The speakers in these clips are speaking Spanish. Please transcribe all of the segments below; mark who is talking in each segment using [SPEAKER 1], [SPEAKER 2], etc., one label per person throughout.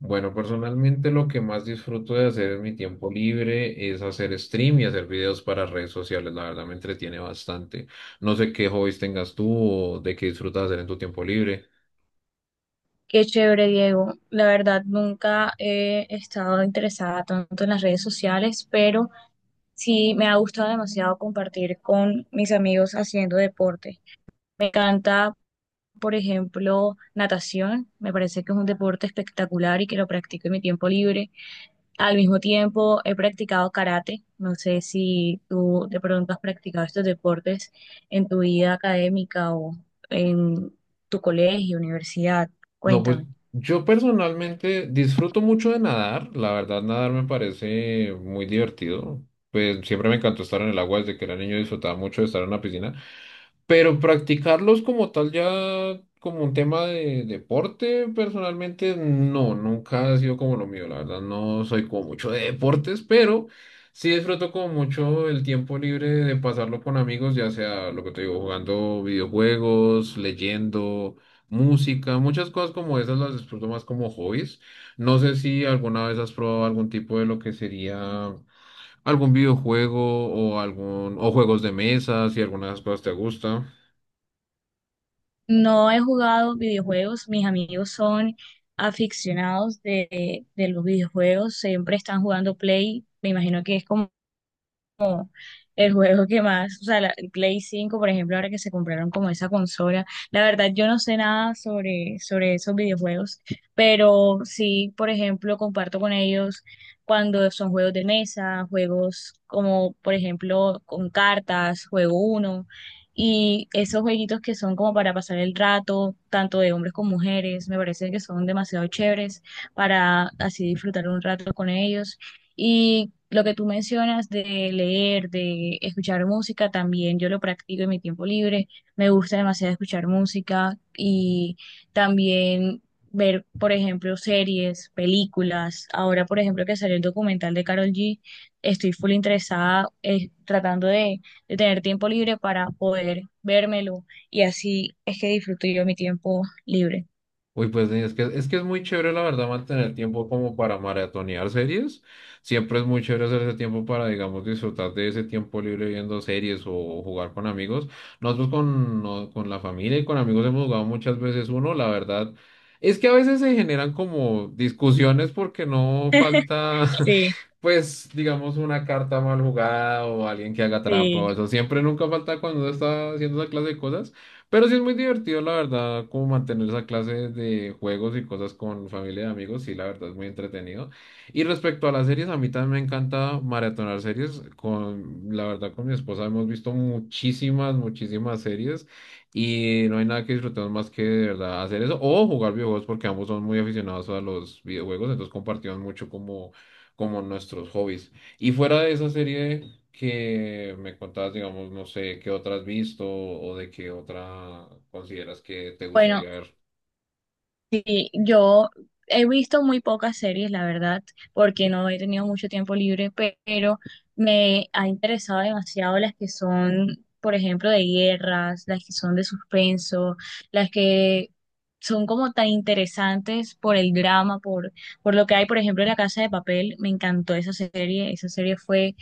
[SPEAKER 1] Bueno, personalmente lo que más disfruto de hacer en mi tiempo libre es hacer stream y hacer videos para redes sociales. La verdad me entretiene bastante. No sé qué hobbies tengas tú o de qué disfrutas hacer en tu tiempo libre.
[SPEAKER 2] Qué chévere, Diego. La verdad, nunca he estado interesada tanto en las redes sociales, pero sí me ha gustado demasiado compartir con mis amigos haciendo deporte. Me encanta, por ejemplo, natación. Me parece que es un deporte espectacular y que lo practico en mi tiempo libre. Al mismo tiempo, he practicado karate. No sé si tú de pronto has practicado estos deportes en tu vida académica o en tu colegio, universidad.
[SPEAKER 1] No, pues
[SPEAKER 2] Cuéntame.
[SPEAKER 1] yo personalmente disfruto mucho de nadar. La verdad, nadar me parece muy divertido. Pues siempre me encantó estar en el agua desde que era niño, disfrutaba mucho de estar en la piscina. Pero practicarlos como tal ya como un tema de deporte, personalmente no, nunca ha sido como lo mío, la verdad no soy como mucho de deportes, pero sí disfruto como mucho el tiempo libre de pasarlo con amigos, ya sea lo que te digo, jugando videojuegos, leyendo, música, muchas cosas como esas las disfruto más como hobbies. No sé si alguna vez has probado algún tipo de lo que sería algún videojuego o algún o juegos de mesa, si alguna de esas cosas te gusta.
[SPEAKER 2] No he jugado videojuegos, mis amigos son aficionados de los videojuegos, siempre están jugando Play, me imagino que es como el juego que más, o sea, el Play 5, por ejemplo, ahora que se compraron como esa consola, la verdad yo no sé nada sobre esos videojuegos, pero sí, por ejemplo, comparto con ellos cuando son juegos de mesa, juegos como, por ejemplo, con cartas, juego uno, y esos jueguitos que son como para pasar el rato, tanto de hombres como mujeres, me parece que son demasiado chéveres para así disfrutar un rato con ellos. Y lo que tú mencionas de leer, de escuchar música, también yo lo practico en mi tiempo libre. Me gusta demasiado escuchar música y también ver, por ejemplo, series, películas. Ahora, por ejemplo, que salió el documental de Carol G, estoy full interesada, tratando de tener tiempo libre para poder vérmelo y así es que disfruto yo mi tiempo libre.
[SPEAKER 1] Uy, pues es que es muy chévere, la verdad, mantener tiempo como para maratonear series. Siempre es muy chévere hacer ese tiempo para, digamos, disfrutar de ese tiempo libre viendo series o jugar con amigos. Nosotros con, no- con la familia y con amigos hemos jugado muchas veces uno, la verdad. Es que a veces se generan como discusiones porque no falta,
[SPEAKER 2] Sí,
[SPEAKER 1] pues, digamos, una carta mal jugada o alguien que haga trampa o
[SPEAKER 2] sí.
[SPEAKER 1] eso. Siempre nunca falta cuando uno está haciendo esa clase de cosas. Pero sí es muy divertido, la verdad, como mantener esa clase de juegos y cosas con familia y amigos, sí, la verdad es muy entretenido. Y respecto a las series, a mí también me encanta maratonar series. Con, la verdad, con mi esposa hemos visto muchísimas series, y no hay nada que disfrutemos más que de verdad hacer eso o jugar videojuegos porque ambos son muy aficionados a los videojuegos, entonces compartimos mucho como nuestros hobbies. Y fuera de esa serie que me contabas, digamos, no sé, qué otra has visto o de qué otra consideras que te
[SPEAKER 2] Bueno,
[SPEAKER 1] gustaría ver.
[SPEAKER 2] sí, yo he visto muy pocas series, la verdad, porque no he tenido mucho tiempo libre, pero me ha interesado demasiado las que son, por ejemplo, de guerras, las que son de suspenso, las que son como tan interesantes por el drama, por lo que hay, por ejemplo, en La Casa de Papel. Me encantó esa serie fue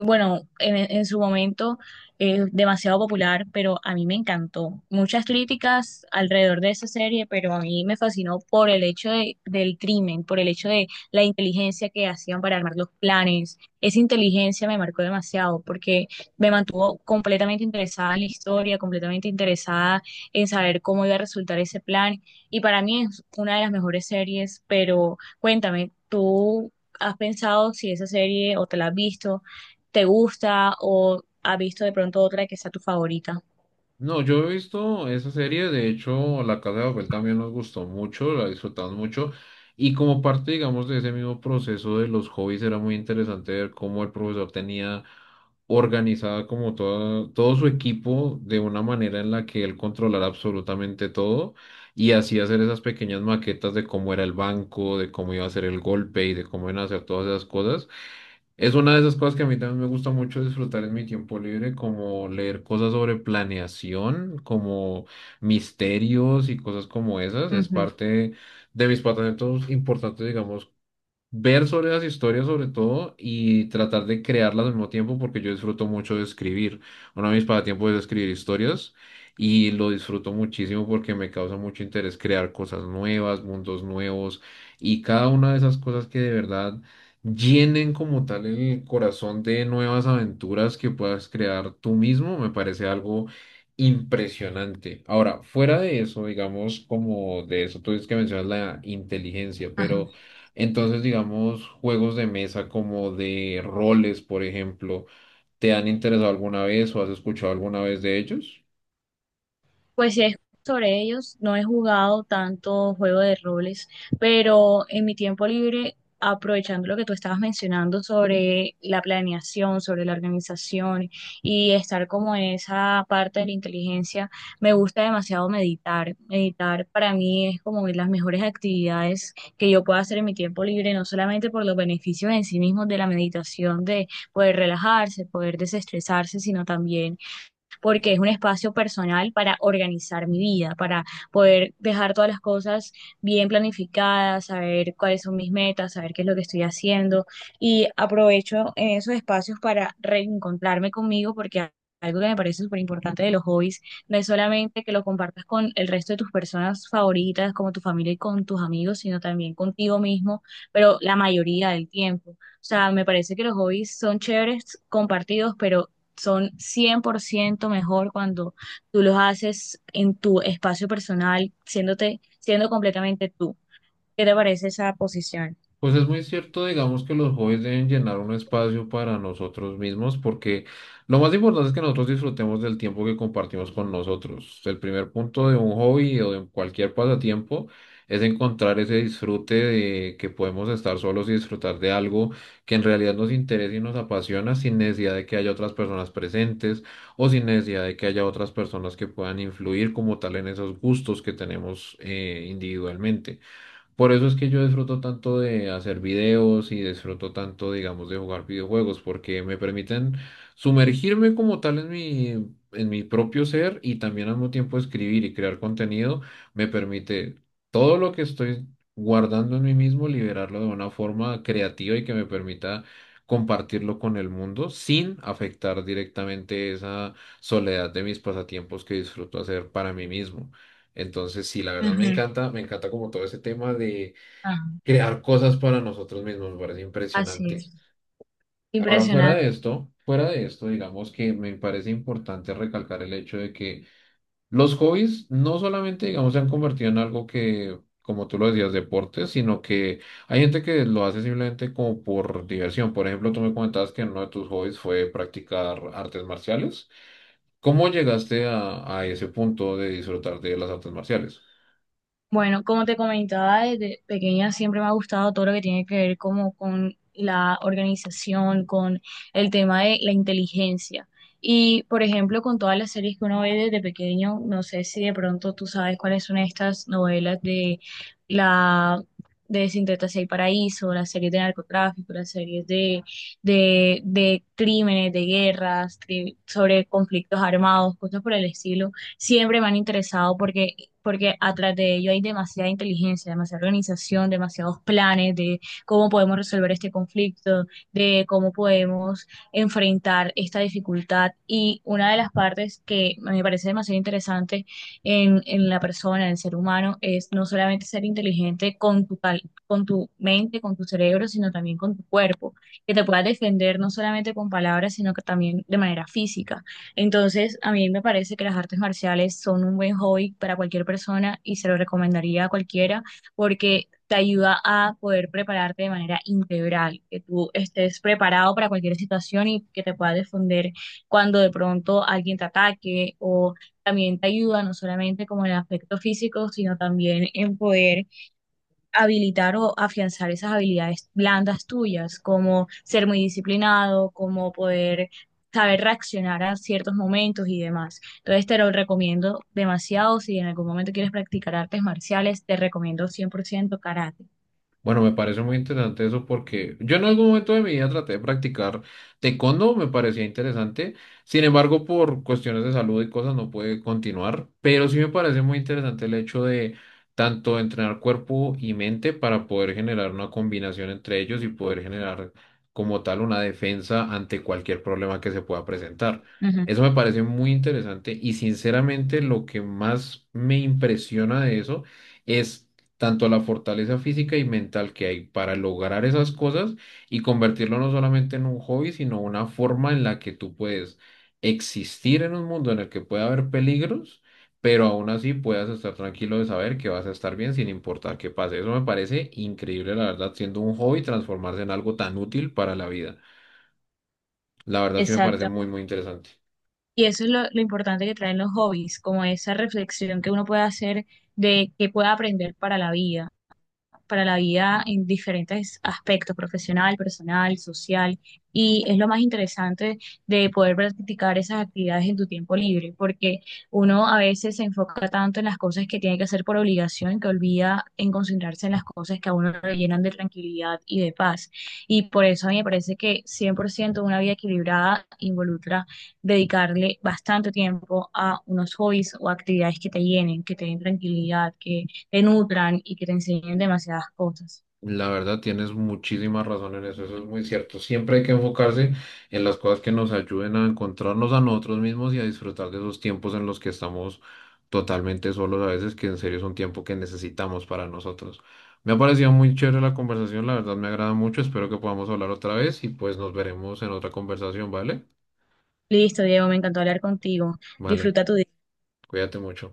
[SPEAKER 2] bueno, en su momento es demasiado popular, pero a mí me encantó. Muchas críticas alrededor de esa serie, pero a mí me fascinó por el hecho del crimen, por el hecho de la inteligencia que hacían para armar los planes. Esa inteligencia me marcó demasiado porque me mantuvo completamente interesada en la historia, completamente interesada en saber cómo iba a resultar ese plan. Y para mí es una de las mejores series, pero cuéntame, ¿tú has pensado si esa serie o te la has visto? Te gusta o has visto de pronto otra que sea tu favorita.
[SPEAKER 1] No, yo he visto esa serie, de hecho, La Casa de Papel también nos gustó mucho, la disfrutamos mucho, y como parte, digamos, de ese mismo proceso de los hobbies, era muy interesante ver cómo el profesor tenía organizada todo su equipo de una manera en la que él controlara absolutamente todo y así hacer esas pequeñas maquetas de cómo era el banco, de cómo iba a ser el golpe y de cómo iban a hacer todas esas cosas. Es una de esas cosas que a mí también me gusta mucho disfrutar en mi tiempo libre, como leer cosas sobre planeación, como misterios y cosas como esas. Es
[SPEAKER 2] Ujú.
[SPEAKER 1] parte de mis pasatiempos importantes, digamos, ver sobre las historias sobre todo y tratar de crearlas al mismo tiempo porque yo disfruto mucho de escribir. Uno de mis pasatiempos es escribir historias y lo disfruto muchísimo porque me causa mucho interés crear cosas nuevas, mundos nuevos y cada una de esas cosas que de verdad llenen como tal el corazón de nuevas aventuras que puedas crear tú mismo, me parece algo impresionante. Ahora, fuera de eso, digamos como de eso, tú dices que mencionas la inteligencia,
[SPEAKER 2] Ajá.
[SPEAKER 1] pero entonces, digamos, juegos de mesa como de roles, por ejemplo, ¿te han interesado alguna vez o has escuchado alguna vez de ellos?
[SPEAKER 2] Pues sí, sobre ellos no he jugado tanto juego de roles, pero en mi tiempo libre, aprovechando lo que tú estabas mencionando sobre la planeación, sobre la organización y estar como en esa parte de la inteligencia, me gusta demasiado meditar. Meditar para mí es como de las mejores actividades que yo puedo hacer en mi tiempo libre, no solamente por los beneficios en sí mismos de la meditación, de poder relajarse, poder desestresarse, sino también porque es un espacio personal para organizar mi vida, para poder dejar todas las cosas bien planificadas, saber cuáles son mis metas, saber qué es lo que estoy haciendo y aprovecho en esos espacios para reencontrarme conmigo porque algo que me parece súper importante de los hobbies no es solamente que lo compartas con el resto de tus personas favoritas, como tu familia y con tus amigos, sino también contigo mismo, pero la mayoría del tiempo. O sea, me parece que los hobbies son chéveres compartidos, pero son 100% mejor cuando tú los haces en tu espacio personal, siendo completamente tú. ¿Qué te parece esa posición?
[SPEAKER 1] Pues es muy cierto, digamos que los hobbies deben llenar un espacio para nosotros mismos, porque lo más importante es que nosotros disfrutemos del tiempo que compartimos con nosotros. El primer punto de un hobby o de cualquier pasatiempo es encontrar ese disfrute de que podemos estar solos y disfrutar de algo que en realidad nos interesa y nos apasiona sin necesidad de que haya otras personas presentes o sin necesidad de que haya otras personas que puedan influir como tal en esos gustos que tenemos individualmente. Por eso es que yo disfruto tanto de hacer videos y disfruto tanto, digamos, de jugar videojuegos, porque me permiten sumergirme como tal en mi propio ser y también al mismo tiempo escribir y crear contenido. Me permite todo lo que estoy guardando en mí mismo, liberarlo de una forma creativa y que me permita compartirlo con el mundo sin afectar directamente esa soledad de mis pasatiempos que disfruto hacer para mí mismo. Entonces, sí, la verdad
[SPEAKER 2] Ujú.
[SPEAKER 1] me encanta como todo ese tema de
[SPEAKER 2] Ajá.
[SPEAKER 1] crear cosas para nosotros mismos, me parece
[SPEAKER 2] Así
[SPEAKER 1] impresionante.
[SPEAKER 2] es.
[SPEAKER 1] Ahora,
[SPEAKER 2] Impresionante.
[SPEAKER 1] fuera de esto, digamos que me parece importante recalcar el hecho de que los hobbies no solamente, digamos, se han convertido en algo que, como tú lo decías, deporte, sino que hay gente que lo hace simplemente como por diversión. Por ejemplo, tú me comentabas que uno de tus hobbies fue practicar artes marciales. ¿Cómo llegaste a ese punto de disfrutar de las artes marciales?
[SPEAKER 2] Bueno, como te comentaba, desde pequeña siempre me ha gustado todo lo que tiene que ver como con la organización, con el tema de la inteligencia. Y, por ejemplo, con todas las series que uno ve desde pequeño, no sé si de pronto tú sabes cuáles son estas novelas de la de Sin Tetas y Paraíso, las series de narcotráfico, las series de crímenes, de guerras, sobre conflictos armados, cosas por el estilo siempre me han interesado porque atrás de ello hay demasiada inteligencia, demasiada organización, demasiados planes de cómo podemos resolver este conflicto, de cómo podemos enfrentar esta dificultad. Y una de las partes que me parece demasiado interesante en la persona, en el ser humano, es no solamente ser inteligente con tu mente, con tu cerebro, sino también con tu cuerpo, que te puedas defender no solamente con palabras, sino que también de manera física. Entonces, a mí me parece que las artes marciales son un buen hobby para cualquier persona y se lo recomendaría a cualquiera porque te ayuda a poder prepararte de manera integral, que tú estés preparado para cualquier situación y que te puedas defender cuando de pronto alguien te ataque o también te ayuda no solamente como en el aspecto físico, sino también en poder habilitar o afianzar esas habilidades blandas tuyas, como ser muy disciplinado, como poder saber reaccionar a ciertos momentos y demás. Entonces te lo recomiendo demasiado. Si en algún momento quieres practicar artes marciales, te recomiendo 100% karate.
[SPEAKER 1] Bueno, me parece muy interesante eso porque yo en algún momento de mi vida traté de practicar taekwondo, me parecía interesante. Sin embargo, por cuestiones de salud y cosas no pude continuar, pero sí me parece muy interesante el hecho de tanto entrenar cuerpo y mente para poder generar una combinación entre ellos y poder generar como tal una defensa ante cualquier problema que se pueda presentar.
[SPEAKER 2] Ujú.
[SPEAKER 1] Eso me parece muy interesante y sinceramente lo que más me impresiona de eso es tanto la fortaleza física y mental que hay para lograr esas cosas y convertirlo no solamente en un hobby, sino una forma en la que tú puedes existir en un mundo en el que puede haber peligros, pero aún así puedas estar tranquilo de saber que vas a estar bien sin importar qué pase. Eso me parece increíble, la verdad, siendo un hobby transformarse en algo tan útil para la vida. La verdad sí me parece
[SPEAKER 2] Exacto.
[SPEAKER 1] muy interesante.
[SPEAKER 2] Y eso es lo importante que traen los hobbies, como esa reflexión que uno puede hacer de qué puede aprender para la vida. En diferentes aspectos, profesional, personal, social, y es lo más interesante de poder practicar esas actividades en tu tiempo libre, porque uno a veces se enfoca tanto en las cosas que tiene que hacer por obligación que olvida en concentrarse en las cosas que a uno le llenan de tranquilidad y de paz. Y por eso a mí me parece que 100% una vida equilibrada involucra dedicarle bastante tiempo a unos hobbies o actividades que te llenen, que te den tranquilidad, que te nutran y que te enseñen demasiadas cosas.
[SPEAKER 1] La verdad, tienes muchísima razón en eso, eso es muy cierto. Siempre hay que enfocarse en las cosas que nos ayuden a encontrarnos a nosotros mismos y a disfrutar de esos tiempos en los que estamos totalmente solos a veces, que en serio es un tiempo que necesitamos para nosotros. Me ha parecido muy chévere la conversación, la verdad me agrada mucho, espero que podamos hablar otra vez y pues nos veremos en otra conversación, ¿vale?
[SPEAKER 2] Listo, Diego, me encantó hablar contigo.
[SPEAKER 1] Vale,
[SPEAKER 2] Disfruta tu día.
[SPEAKER 1] cuídate mucho.